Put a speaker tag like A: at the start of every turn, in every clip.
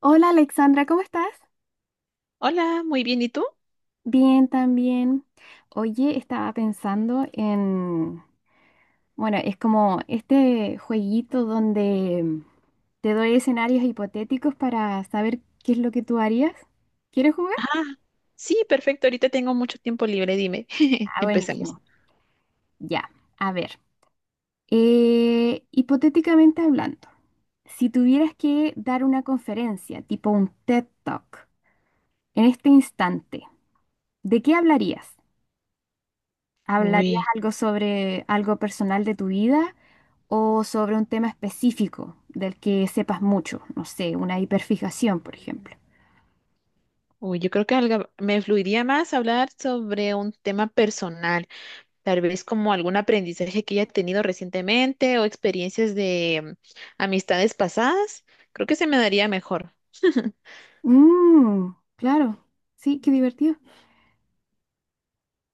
A: Hola Alexandra, ¿cómo estás?
B: Hola, muy bien, ¿y tú?
A: Bien, también. Oye, estaba pensando en, bueno, es como este jueguito donde te doy escenarios hipotéticos para saber qué es lo que tú harías. ¿Quieres jugar?
B: Ah, sí, perfecto, ahorita tengo mucho tiempo libre, dime.
A: Ah,
B: Empecemos.
A: buenísimo. Ya, a ver. Hipotéticamente hablando, si tuvieras que dar una conferencia, tipo un TED Talk, en este instante, ¿de qué hablarías? ¿Hablarías
B: Uy,
A: algo sobre algo personal de tu vida o sobre un tema específico del que sepas mucho? No sé, una hiperfijación, por ejemplo.
B: uy, yo creo que me fluiría más hablar sobre un tema personal, tal vez como algún aprendizaje que haya tenido recientemente o experiencias de amistades pasadas. Creo que se me daría mejor.
A: Mm, claro, sí, qué divertido.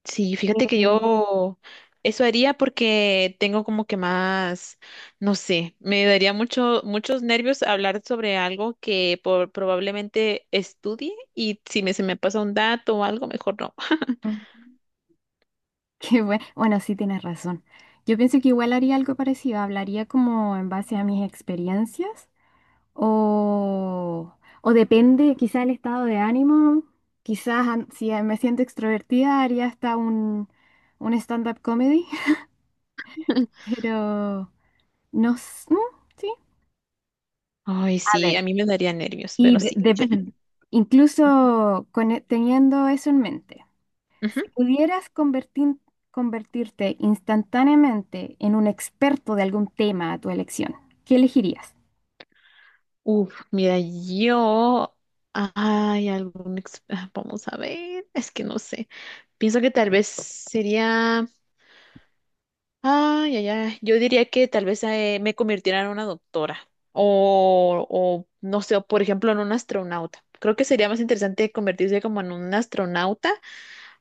B: Sí, fíjate que
A: Mm.
B: yo eso haría porque tengo como que más, no sé, me daría muchos nervios hablar sobre algo que probablemente estudie y si se me pasa un dato o algo, mejor no.
A: Qué bueno. Bueno, sí tienes razón. Yo pienso que igual haría algo parecido. Hablaría como en base a mis experiencias o, o depende quizá el estado de ánimo. Quizás si me siento extrovertida haría hasta un stand-up comedy. Pero no s- mm, sí.
B: Ay,
A: A
B: sí, a
A: ver.
B: mí me daría nervios,
A: Y
B: pero sí.
A: incluso con teniendo eso en mente,
B: Ujú.
A: si pudieras convertirte instantáneamente en un experto de algún tema a tu elección, ¿qué elegirías?
B: Uf, mira, yo... Ay, Vamos a ver, es que no sé. Pienso que tal vez sería... Ay, ay, ay. Yo diría que tal vez me convirtiera en una doctora no sé, o, por ejemplo, en un astronauta. Creo que sería más interesante convertirse como en un astronauta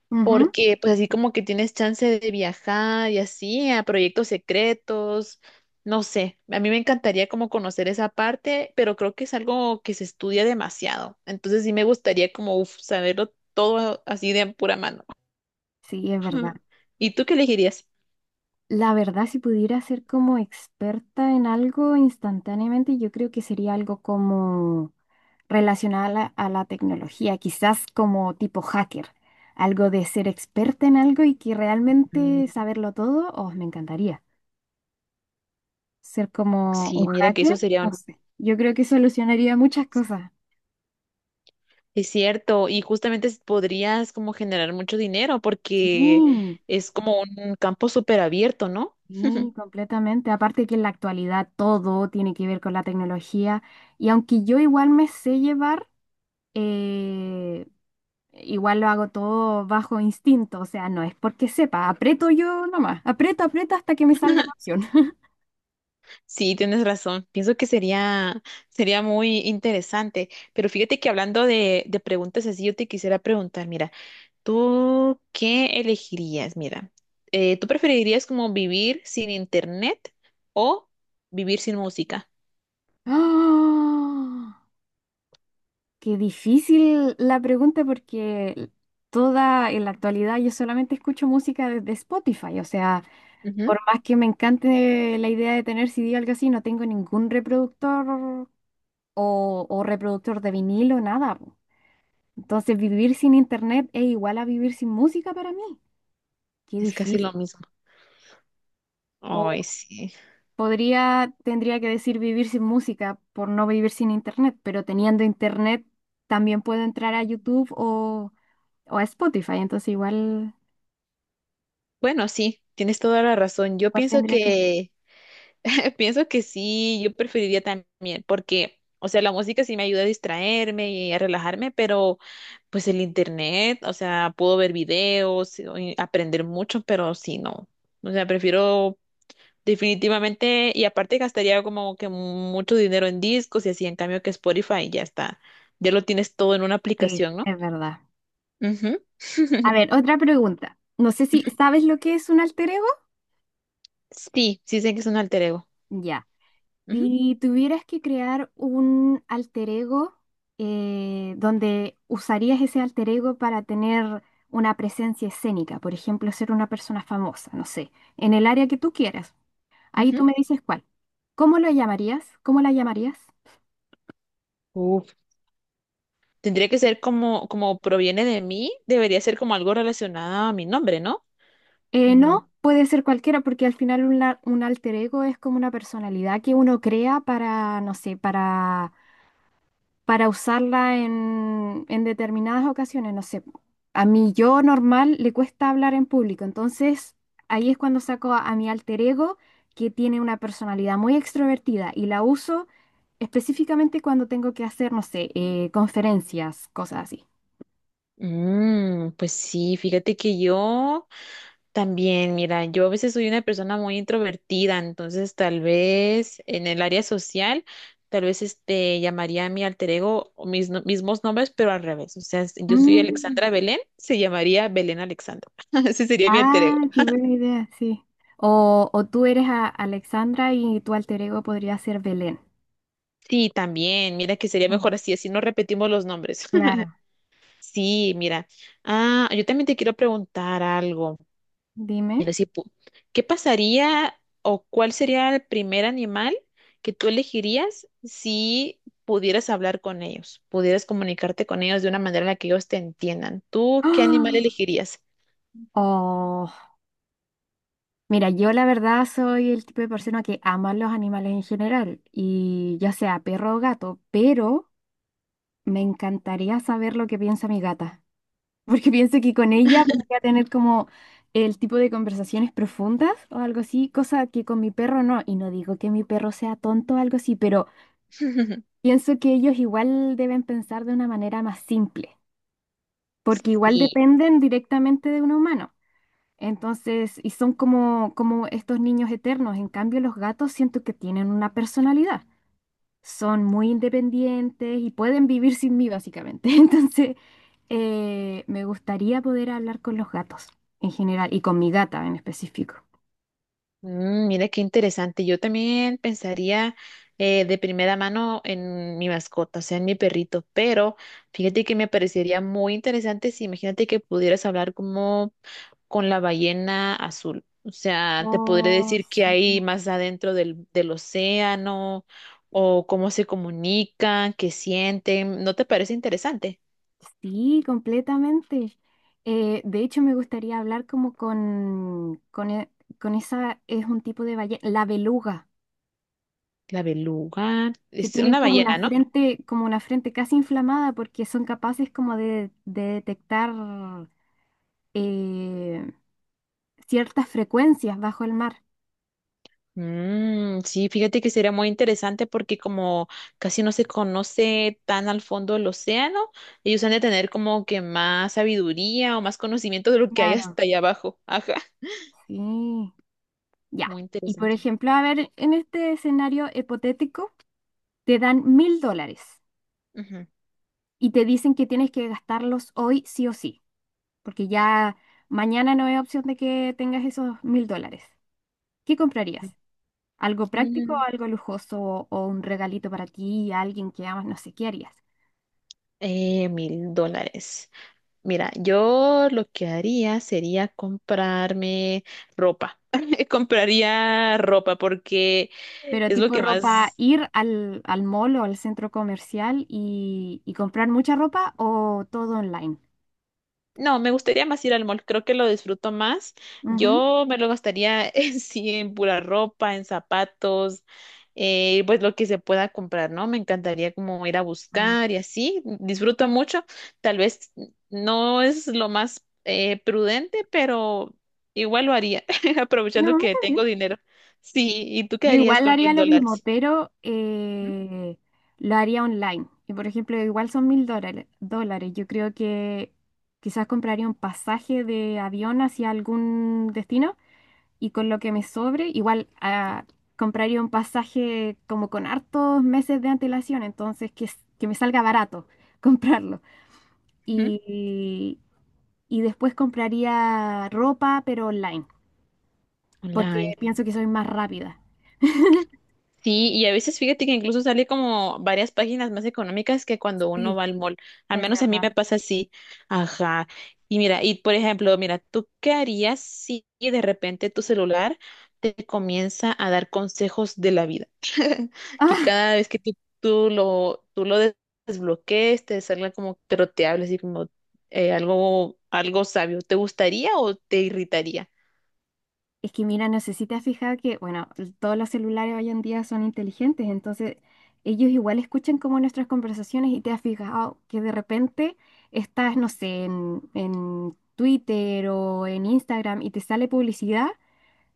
A: Ujú.
B: porque pues así como que tienes chance de viajar y así a proyectos secretos, no sé. A mí me encantaría como conocer esa parte, pero creo que es algo que se estudia demasiado. Entonces sí me gustaría como uf, saberlo todo así de pura mano.
A: Sí, es verdad.
B: ¿Y tú qué elegirías?
A: La verdad, si pudiera ser como experta en algo instantáneamente, yo creo que sería algo como relacionado a la tecnología, quizás como tipo hacker, algo de ser experta en algo y que
B: Mm.
A: realmente saberlo todo, oh, me encantaría. Ser como un
B: Sí, mira que eso
A: hacker,
B: sería.
A: no sé. Yo creo que solucionaría muchas cosas.
B: Es cierto, y justamente podrías como generar mucho dinero
A: Sí,
B: porque es como un campo súper abierto, ¿no?
A: sí, completamente. Aparte que en la actualidad todo tiene que ver con la tecnología y aunque yo igual me sé llevar, eh, igual lo hago todo bajo instinto, o sea, no es porque sepa, aprieto yo nomás, aprieto, aprieto hasta que me salga la opción.
B: Sí, tienes razón. Sería muy interesante. Pero fíjate que hablando de preguntas así, yo te quisiera preguntar, mira, ¿tú qué elegirías? Mira, ¿tú preferirías como vivir sin internet o vivir sin música?
A: ¡Ah! Qué difícil la pregunta porque toda en la actualidad yo solamente escucho música desde Spotify, o sea,
B: Ujú.
A: por más que me encante la idea de tener CD o algo así, no tengo ningún reproductor o reproductor de vinilo, nada po. Entonces, vivir sin internet es igual a vivir sin música para mí. Qué
B: Es casi
A: difícil.
B: lo mismo. Ay, sí.
A: Podría, tendría que decir vivir sin música por no vivir sin internet, pero teniendo internet también puedo entrar a YouTube o a Spotify, entonces igual,
B: Bueno, sí, tienes toda la razón. Yo
A: igual
B: pienso
A: tendría que.
B: que pienso que sí, yo preferiría también, porque, o sea, la música sí me ayuda a distraerme y a relajarme, pero pues el internet, o sea, puedo ver videos o y aprender mucho, pero sí, no. O sea, prefiero definitivamente, y aparte gastaría como que mucho dinero en discos y así, en cambio que Spotify ya está, ya lo tienes todo en una
A: Sí,
B: aplicación, ¿no?
A: es verdad.
B: Ujú.
A: A ver, otra pregunta. No sé si sabes lo que es un alter ego.
B: Sí, sí sé que es un alter ego.
A: Ya.
B: Ujú,
A: Si tuvieras que crear un alter ego donde usarías ese alter ego para tener una presencia escénica, por ejemplo, ser una persona famosa, no sé, en el área que tú quieras. Ahí
B: ujú.
A: tú me dices cuál. ¿Cómo lo llamarías? ¿Cómo la llamarías?
B: Tendría que ser como, como proviene de mí, debería ser como algo relacionado a mi nombre, ¿no?
A: Eh,
B: Mm,
A: no, puede ser cualquiera porque al final un alter ego es como una personalidad que uno crea para, no sé, para usarla en determinadas ocasiones. No sé, a mi yo normal le cuesta hablar en público, entonces ahí es cuando saco a mi alter ego que tiene una personalidad muy extrovertida y la uso específicamente cuando tengo que hacer, no sé, conferencias, cosas así.
B: mm, pues sí, fíjate que yo también, mira, yo a veces soy una persona muy introvertida, entonces tal vez en el área social, tal vez este llamaría a mi alter ego o mis mismos nombres, pero al revés. O sea, si yo soy
A: Mm.
B: Alexandra Belén, se llamaría Belén Alexandra. Ese sería mi alter ego.
A: Ah, qué buena idea, sí. O tú eres Alexandra y tu alter ego podría ser Belén.
B: Sí, también, mira que sería mejor
A: Mm,
B: así, así no repetimos los nombres.
A: claro.
B: Sí, mira. Ah, yo también te quiero preguntar algo.
A: Dime.
B: Mira, si pu- ¿qué pasaría o cuál sería el primer animal que tú elegirías si pudieras hablar con ellos, pudieras comunicarte con ellos de una manera en la que ellos te entiendan? ¿Tú qué animal
A: ¡Ah!
B: elegirías?
A: Oh, mira, yo la verdad soy el tipo de persona que ama los animales en general, y ya sea perro o gato, pero me encantaría saber lo que piensa mi gata, porque pienso que con ella podría tener como el tipo de conversaciones profundas o algo así, cosa que con mi perro no, y no digo que mi perro sea tonto o algo así, pero. Pienso que ellos igual deben pensar de una manera más simple, porque igual
B: Sí.
A: dependen directamente de un humano. Entonces, y son como estos niños eternos. En cambio, los gatos siento que tienen una personalidad. Son muy independientes y pueden vivir sin mí, básicamente. Entonces, me gustaría poder hablar con los gatos en general y con mi gata en específico.
B: Mm, mira qué interesante. Yo también pensaría de primera mano en mi mascota, o sea, en mi perrito, pero fíjate que me parecería muy interesante si imagínate que pudieras hablar como con la ballena azul. O sea, te podré
A: Oh,
B: decir qué
A: sí.
B: hay más adentro del océano o cómo se comunican, qué sienten. ¿No te parece interesante?
A: Sí, completamente. De hecho, me gustaría hablar como con esa, es un tipo de ballena, la beluga,
B: La beluga
A: que
B: es
A: tienen
B: una
A: como una
B: ballena, ¿no?
A: frente, como una frente casi inflamada porque son capaces como de detectar eh, ciertas frecuencias bajo el mar.
B: Mm, sí, fíjate que sería muy interesante porque como casi no se conoce tan al fondo del océano, ellos han de tener como que más sabiduría o más conocimiento de lo que hay
A: Claro,
B: hasta allá abajo. Ajá,
A: sí, ya.
B: muy
A: Y por
B: interesante.
A: ejemplo, a ver, en este escenario hipotético, te dan $1.000
B: Ujú.
A: y te dicen que tienes que gastarlos hoy sí o sí, porque ya mañana no hay opción de que tengas esos $1.000. ¿Qué comprarías? ¿Algo práctico,
B: Mm,
A: algo lujoso o un regalito para ti y a alguien que amas? No sé, ¿qué harías?
B: $1000. Mira, yo lo que haría sería comprarme ropa. Compraría ropa porque
A: Pero
B: es lo
A: tipo
B: que
A: ropa,
B: más.
A: ir al mall o al centro comercial y comprar mucha ropa o todo online.
B: No, me gustaría más ir al mall, creo que lo disfruto más.
A: Ujú.
B: Yo me lo gastaría en sí, en pura ropa, en zapatos, pues lo que se pueda comprar, ¿no? Me encantaría como ir a
A: Mm.
B: buscar y así. Disfruto mucho. Tal vez no es lo más prudente, pero igual lo haría, aprovechando
A: No,
B: que
A: está bien.
B: tengo dinero. Sí, ¿y tú qué
A: Yo
B: harías
A: igual
B: con
A: haría
B: mil
A: lo mismo,
B: dólares?
A: pero lo haría online. Y por ejemplo, igual son mil dólares. Yo creo que quizás compraría un pasaje de avión hacia algún destino y con lo que me sobre, igual compraría un pasaje como con hartos meses de antelación, entonces que me salga barato comprarlo.
B: Ujú.
A: Y, y después compraría ropa, pero online, porque
B: Online.
A: pienso que soy más rápida.
B: Sí, y a veces fíjate que incluso sale como varias páginas más económicas que cuando uno
A: Sí,
B: va al mall. Al
A: es
B: menos a mí
A: verdad.
B: me pasa así. Ajá. Y mira, y por ejemplo, mira, ¿tú qué harías si de repente tu celular te comienza a dar consejos de la vida? Que cada vez que tú lo, tú lo des- desbloquees, te salga como, pero te hables así como algo, algo sabio. ¿Te gustaría o te irritaría?
A: Es que mira, no sé si te has fijado que, bueno, todos los celulares hoy en día son inteligentes, entonces ellos igual escuchan como nuestras conversaciones y te has fijado que de repente estás, no sé, en Twitter o en Instagram y te sale publicidad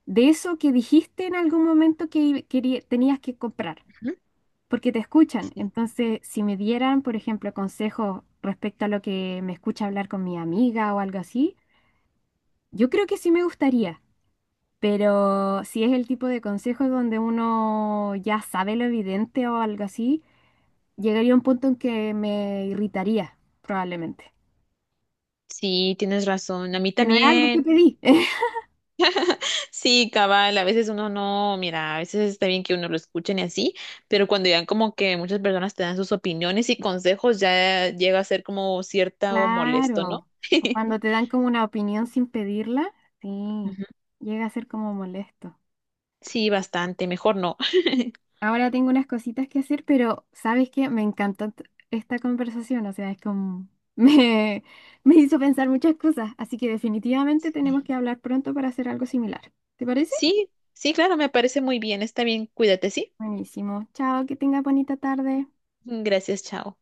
A: de eso que dijiste en algún momento que tenías que comprar,
B: Ujú.
A: porque te escuchan. Entonces, si me dieran, por ejemplo, consejos respecto a lo que me escucha hablar con mi amiga o algo así, yo creo que sí me gustaría. Pero si es el tipo de consejos donde uno ya sabe lo evidente o algo así, llegaría a un punto en que me irritaría, probablemente.
B: Sí, tienes razón. A mí
A: Que no es algo que
B: también.
A: pedí.
B: Sí, cabal, a veces uno no, mira, a veces está bien que uno lo escuchen y así, pero cuando ya como que muchas personas te dan sus opiniones y consejos, ya llega a ser como cierta o molesto, ¿no?
A: Claro. O cuando te dan como una opinión sin pedirla, sí,
B: Ujú.
A: llega a ser como molesto.
B: Sí, bastante, mejor no.
A: Ahora tengo unas cositas que hacer, pero ¿sabes qué? Me encantó esta conversación. O sea, es como. Me, me hizo pensar muchas cosas. Así que definitivamente
B: Sí.
A: tenemos que hablar pronto para hacer algo similar. ¿Te parece?
B: Sí, sí, claro, me parece muy bien, está bien, cuídate, ¿sí?
A: Buenísimo. Chao, que tenga bonita tarde.
B: Gracias, chao.